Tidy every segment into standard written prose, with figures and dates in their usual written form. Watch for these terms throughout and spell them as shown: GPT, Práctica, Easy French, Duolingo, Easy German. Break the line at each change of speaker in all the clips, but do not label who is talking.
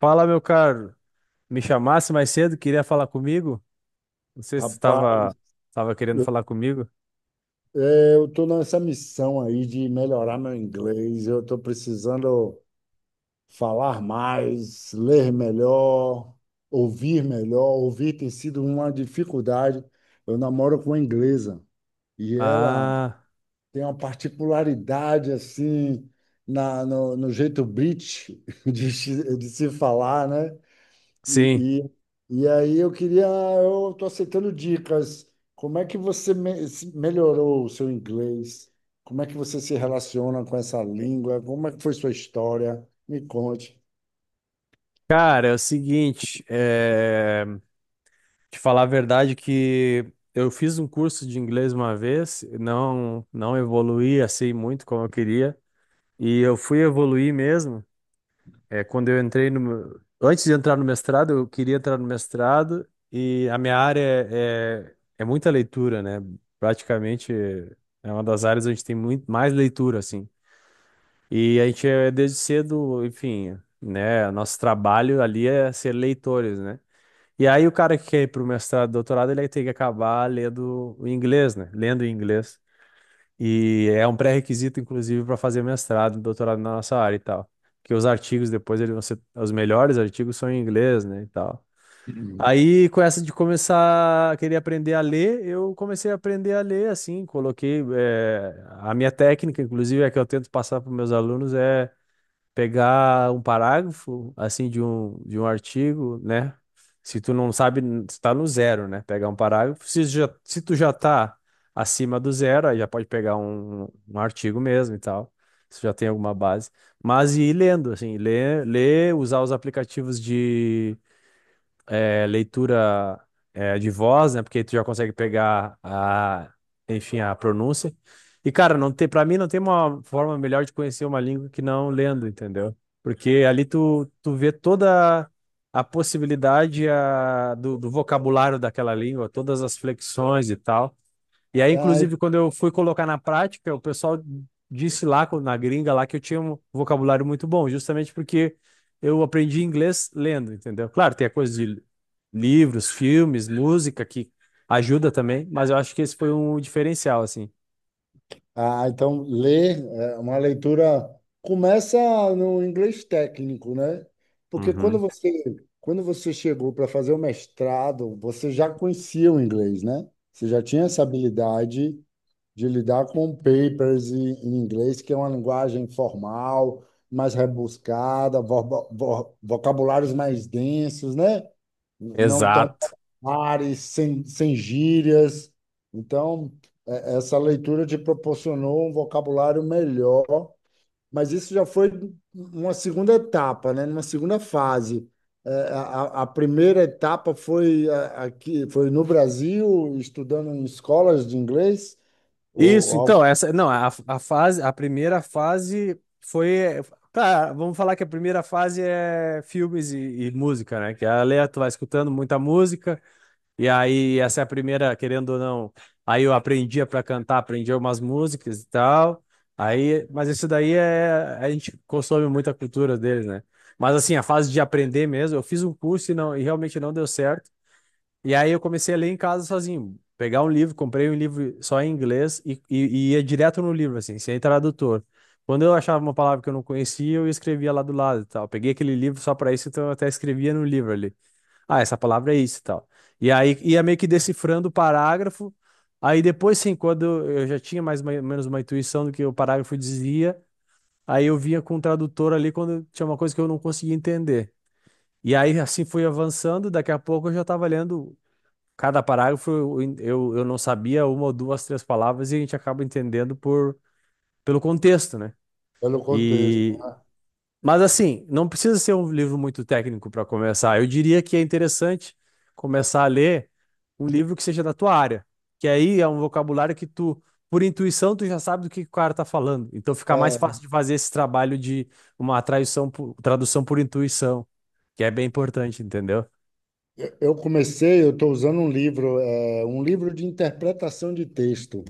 Fala, meu caro. Me chamasse mais cedo, queria falar comigo? Não sei se
Rapaz,
estava querendo
eu
falar comigo.
eu tô nessa missão aí de melhorar meu inglês. Eu estou precisando falar mais, ler melhor. Ouvir tem sido uma dificuldade. Eu namoro com uma inglesa e ela
Ah,
tem uma particularidade assim na, no, no jeito British de se falar, né?
sim.
E, e aí eu queria, eu estou aceitando dicas. Como é que você melhorou o seu inglês? Como é que você se relaciona com essa língua? Como é que foi sua história? Me conte.
Cara, é o seguinte, te falar a verdade que eu fiz um curso de inglês uma vez, não evoluí assim muito como eu queria, e eu fui evoluir mesmo. É, quando eu entrei no. meu- Antes de entrar no mestrado, eu queria entrar no mestrado e a minha área é muita leitura, né? Praticamente é uma das áreas onde tem muito mais leitura, assim. E a gente desde cedo, enfim, né? Nosso trabalho ali é ser leitores, né? E aí o cara que quer ir para o mestrado, doutorado, ele aí tem que acabar lendo o inglês, né? Lendo em inglês. E é um pré-requisito, inclusive, para fazer mestrado, doutorado na nossa área e tal. Porque os artigos depois eles vão ser, os melhores artigos são em inglês, né, e tal.
Uhum.
Aí, com essa de começar a querer aprender a ler, eu comecei a aprender a ler, assim, coloquei, a minha técnica, inclusive, é que eu tento passar para meus alunos, é pegar um parágrafo assim de um artigo, né? Se tu não sabe, está no zero, né? Pegar um parágrafo. Se tu já tá acima do zero, aí já pode pegar um artigo mesmo e tal. Se já tem alguma base. Mas ir lendo, assim, ler, ler, usar os aplicativos de leitura de voz, né? Porque tu já consegue pegar enfim, a pronúncia. E, cara, não tem, para mim não tem uma forma melhor de conhecer uma língua que não lendo, entendeu? Porque ali tu vê toda a possibilidade do vocabulário daquela língua, todas as flexões e tal. E aí,
Ah, e-
inclusive, quando eu fui colocar na prática, o pessoal disse lá na gringa lá que eu tinha um vocabulário muito bom, justamente porque eu aprendi inglês lendo, entendeu? Claro, tem a coisa de livros, filmes, música que ajuda também, mas eu acho que esse foi um diferencial, assim.
ah, então ler é uma leitura começa no inglês técnico, né? Porque
Uhum.
quando você chegou para fazer o mestrado, você já conhecia o inglês, né? Você já tinha essa habilidade de lidar com papers em inglês, que é uma linguagem formal, mais rebuscada, vocabulários mais densos, né? Não tão
Exato.
populares, sem gírias. Então, essa leitura te proporcionou um vocabulário melhor, mas isso já foi uma segunda etapa, né? Uma segunda fase. A primeira etapa foi aqui, foi no Brasil, estudando em escolas de inglês? Ou
Isso,
algo
então, essa, não, a primeira fase foi, tá, vamos falar que a primeira fase é filmes e música, né? Que é a letra, tu vai escutando muita música. E aí, essa é a primeira, querendo ou não. Aí eu aprendia para cantar, aprendia umas músicas e tal. Aí, mas isso daí a gente consome muita cultura deles, né? Mas assim, a fase de aprender mesmo, eu fiz um curso e não, e realmente não deu certo. E aí eu comecei a ler em casa sozinho, pegar um livro, comprei um livro só em inglês e ia direto no livro, assim, sem tradutor. Quando eu achava uma palavra que eu não conhecia, eu escrevia lá do lado e tal. Peguei aquele livro só para isso, então eu até escrevia no livro ali, ah, essa palavra é isso e tal. E aí ia meio que decifrando o parágrafo. Aí depois, sim, quando eu já tinha mais ou menos uma intuição do que o parágrafo dizia, aí eu vinha com o tradutor ali quando tinha uma coisa que eu não conseguia entender. E aí assim fui avançando, daqui a pouco eu já estava lendo cada parágrafo, eu não sabia uma ou duas, três palavras e a gente acaba entendendo por, pelo contexto, né?
pelo contexto.
E mas assim, não precisa ser um livro muito técnico para começar. Eu diria que é interessante começar a ler um livro que seja da tua área, que aí é um vocabulário que tu, por intuição, tu já sabe do que o cara tá falando. Então fica mais
É,
fácil de fazer esse trabalho de uma tradução por, tradução por intuição, que é bem importante, entendeu?
eu comecei, eu estou usando um livro, é, um livro de interpretação de texto.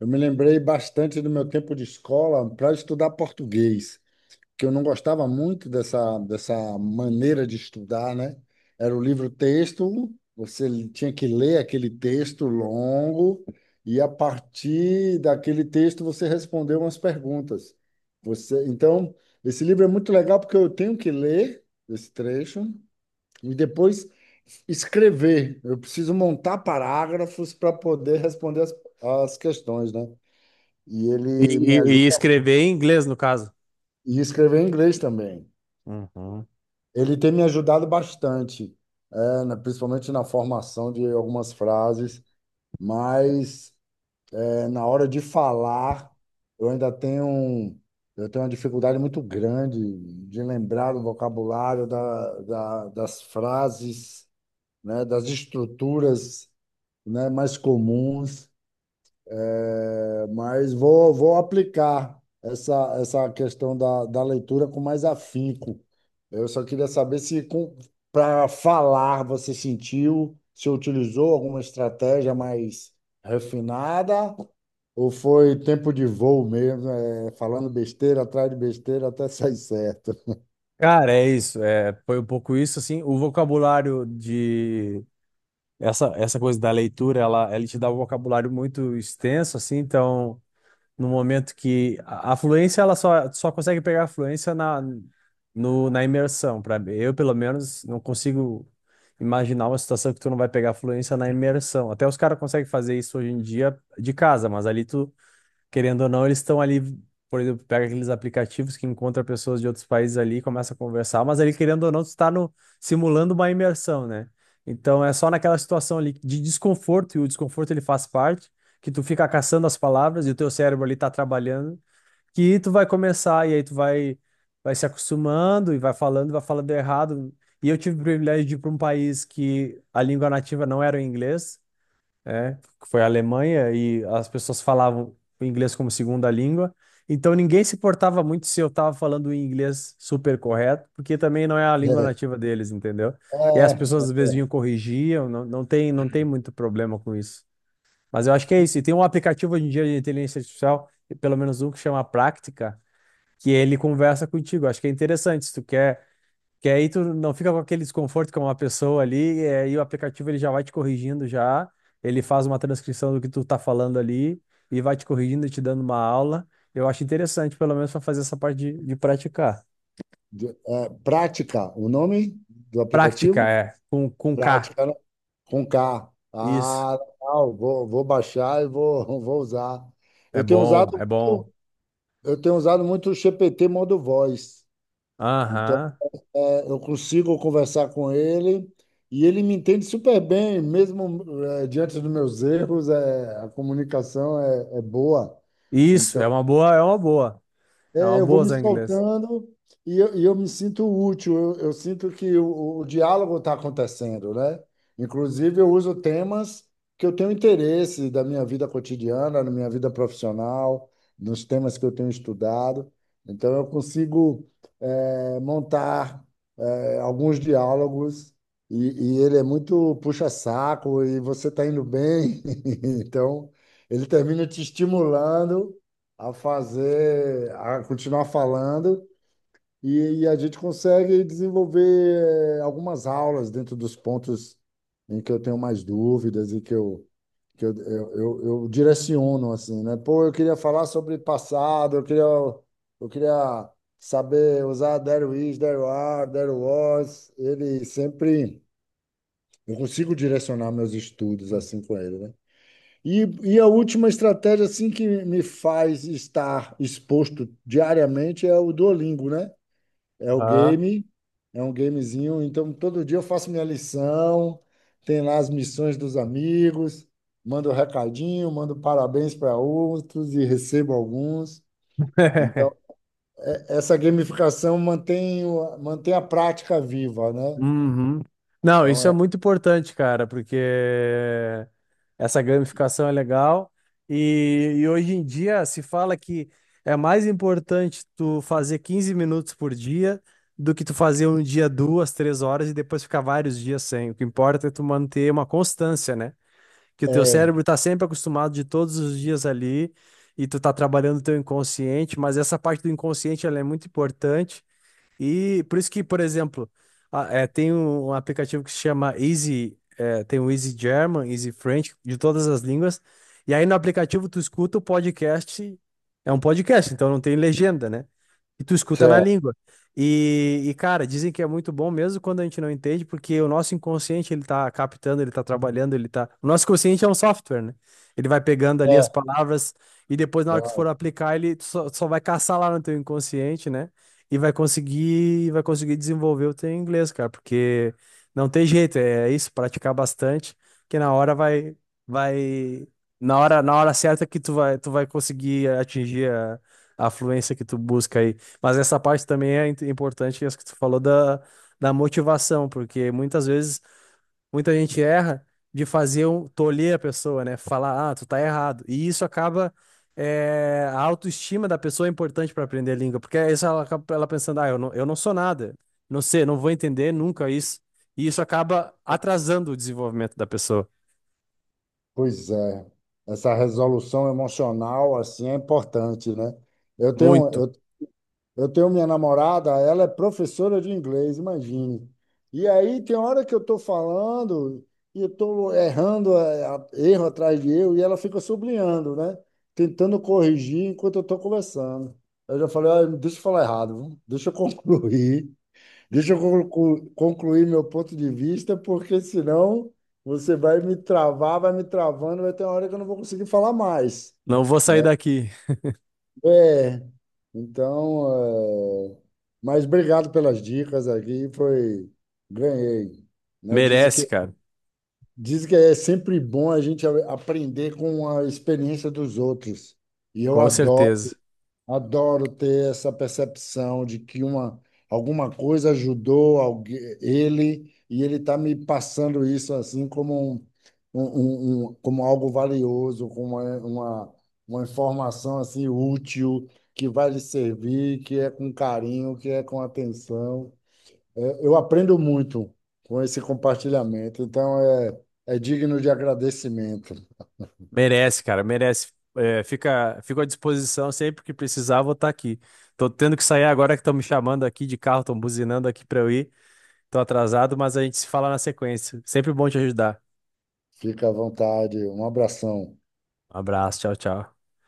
Eu me lembrei bastante do meu tempo de escola para estudar português, que eu não gostava muito dessa maneira de estudar, né? Era o livro-texto, você tinha que ler aquele texto longo e a partir daquele texto você respondeu umas perguntas. Você, então, esse livro é muito legal porque eu tenho que ler esse trecho e depois escrever. Eu preciso montar parágrafos para poder responder as questões, né? E
E,
ele me
e-
ajuda
e escrever em inglês, no caso.
e escrever em inglês também.
Uhum.
Ele tem me ajudado bastante, é, principalmente na formação de algumas frases, mas é, na hora de falar, eu ainda eu tenho uma dificuldade muito grande de lembrar o vocabulário das frases, né, das estruturas, né, mais comuns. É, mas vou, vou aplicar essa questão da leitura com mais afinco. Eu só queria saber se para falar você sentiu, se utilizou alguma estratégia mais refinada ou foi tempo de voo mesmo, é, falando besteira atrás de besteira até sair certo.
Cara, é isso. É, foi um pouco isso, assim. O vocabulário de essa coisa da leitura, ela te dá um vocabulário muito extenso, assim, então, no momento que a fluência, ela só consegue pegar a fluência na, no, na imersão, para eu, pelo menos, não consigo imaginar uma situação que tu não vai pegar a fluência na imersão. Até os caras conseguem fazer isso hoje em dia de casa, mas ali tu querendo ou não, eles estão ali, por exemplo, pega aqueles aplicativos que encontra pessoas de outros países ali, começa a conversar, mas ali, querendo ou não, tu está no, simulando uma imersão, né? Então é só naquela situação ali de desconforto, e o desconforto ele faz parte, que tu fica caçando as palavras e o teu cérebro ali tá trabalhando, que tu vai começar, e aí tu vai se acostumando e vai falando errado. E eu tive o privilégio de ir para um país que a língua nativa não era o inglês é, que foi a Alemanha, e as pessoas falavam o inglês como segunda língua. Então ninguém se importava muito se eu estava falando o inglês super correto, porque também não é a língua nativa deles, entendeu?
É,
E as
é,
pessoas às vezes vinham
é,
corrigiam, não, não tem muito problema com isso. Mas eu acho que é isso. E tem um aplicativo hoje em dia de inteligência artificial, pelo menos um que chama Práctica, que ele conversa contigo. Acho que é interessante. Se tu quer que aí tu não fica com aquele desconforto com uma pessoa ali, e aí o aplicativo ele já vai te corrigindo já, ele faz uma transcrição do que tu tá falando ali e vai te corrigindo e te dando uma aula. Eu acho interessante, pelo menos, para fazer essa parte de praticar.
prática, o nome do
Prática,
aplicativo?
é, com K.
Prática, né? Com K.
Isso.
Ah, legal. Vou, vou baixar e vou, vou usar.
É
Eu tenho usado,
bom, é bom.
muito- eu tenho usado muito o GPT modo voz. Então,
Aham.
é, eu consigo conversar com ele e ele me entende super bem, mesmo é, diante dos meus erros, é, a comunicação é, é boa.
Isso,
Então,
é uma boa, é uma boa. É uma
é, eu vou
boa
me
usar inglês.
soltando e e eu me sinto útil, eu sinto que o diálogo está acontecendo, né? Inclusive, eu uso temas que eu tenho interesse da minha vida cotidiana, na minha vida profissional, nos temas que eu tenho estudado. Então, eu consigo eh, montar eh, alguns diálogos e ele é muito puxa-saco e você está indo bem. Então, ele termina te estimulando a fazer, a continuar falando, e a gente consegue desenvolver eh, algumas aulas dentro dos pontos em que eu tenho mais dúvidas e que eu direciono, assim, né? Pô, eu queria falar sobre passado, eu queria saber usar there is, there are, there was. Ele sempre. Eu consigo direcionar meus estudos assim com ele, né? E a última estratégia assim que me faz estar exposto diariamente é o Duolingo, né? É o
Aham.
game, é um gamezinho. Então, todo dia eu faço minha lição, tem lá as missões dos amigos, mando recadinho, mando parabéns para outros e recebo alguns. Então, essa gamificação mantém, mantém a prática viva, né?
Uhum. Não, isso é
Então,
muito importante, cara, porque essa gamificação é legal e hoje em dia se fala que é mais importante tu fazer 15 minutos por dia do que tu fazer um dia duas, três horas e depois ficar vários dias sem. O que importa é tu manter uma constância, né? Que o teu
é, é,
cérebro tá sempre acostumado de todos os dias ali e tu tá trabalhando o teu inconsciente, mas essa parte do inconsciente ela é muito importante e por isso que, por exemplo, tem um aplicativo que se chama Easy, é, tem o Easy German, Easy French, de todas as línguas. E aí no aplicativo tu escuta o podcast, é um podcast, então não tem legenda, né? E tu escuta na
certo,
língua. E, cara, dizem que é muito bom mesmo quando a gente não entende, porque o nosso inconsciente ele tá captando, ele tá trabalhando, ele tá. O nosso consciente é um software, né? Ele vai pegando ali as
é,
palavras e depois na hora que tu for
é.
aplicar, ele só vai caçar lá no teu inconsciente, né? E vai conseguir desenvolver o teu inglês, cara, porque não tem jeito, é isso, praticar bastante, que vai, na hora certa que tu vai conseguir atingir a fluência que tu busca aí. Mas essa parte também é importante, essa que tu falou da motivação, porque muitas vezes muita gente erra de fazer um tolher a pessoa, né? Falar, ah, tu tá errado. E isso acaba. A autoestima da pessoa é importante para aprender a língua, porque aí ela acaba ela pensando, ah, eu não sou nada, não sei, não vou entender nunca isso. E isso acaba atrasando o desenvolvimento da pessoa.
Pois é, essa resolução emocional assim é importante, né? Eu tenho,
Muito.
eu, eu tenho minha namorada, ela é professora de inglês, imagine. E aí tem hora que eu estou falando e eu estou errando, é, erro atrás de erro, e ela fica sublinhando, né? Tentando corrigir enquanto eu estou conversando. Eu já falei, "Ah, deixa eu falar errado, viu? Deixa eu concluir. Deixa eu concluir meu ponto de vista, porque senão você vai me travar, vai me travando, vai ter uma hora que eu não vou conseguir falar mais,
Não vou sair
né?
daqui.
É, então, é, mas obrigado pelas dicas aqui, foi, ganhei, né?
Merece, cara.
Dizem que é sempre bom a gente aprender com a experiência dos outros, e eu
Com
adoro.
certeza.
Adoro ter essa percepção de que alguma coisa ajudou alguém, ele e ele está me passando isso assim como, um- como algo valioso, como é uma informação assim útil que vai lhe servir, que é com carinho, que é com atenção. É, eu aprendo muito com esse compartilhamento, então é, é digno de agradecimento.
Merece, cara. Merece. É, fico à disposição sempre que precisar, vou estar aqui. Tô tendo que sair agora que estão me chamando aqui de carro, estão buzinando aqui para eu ir. Tô atrasado, mas a gente se fala na sequência. Sempre bom te ajudar.
Fica à vontade, um abração.
Um abraço, tchau, tchau.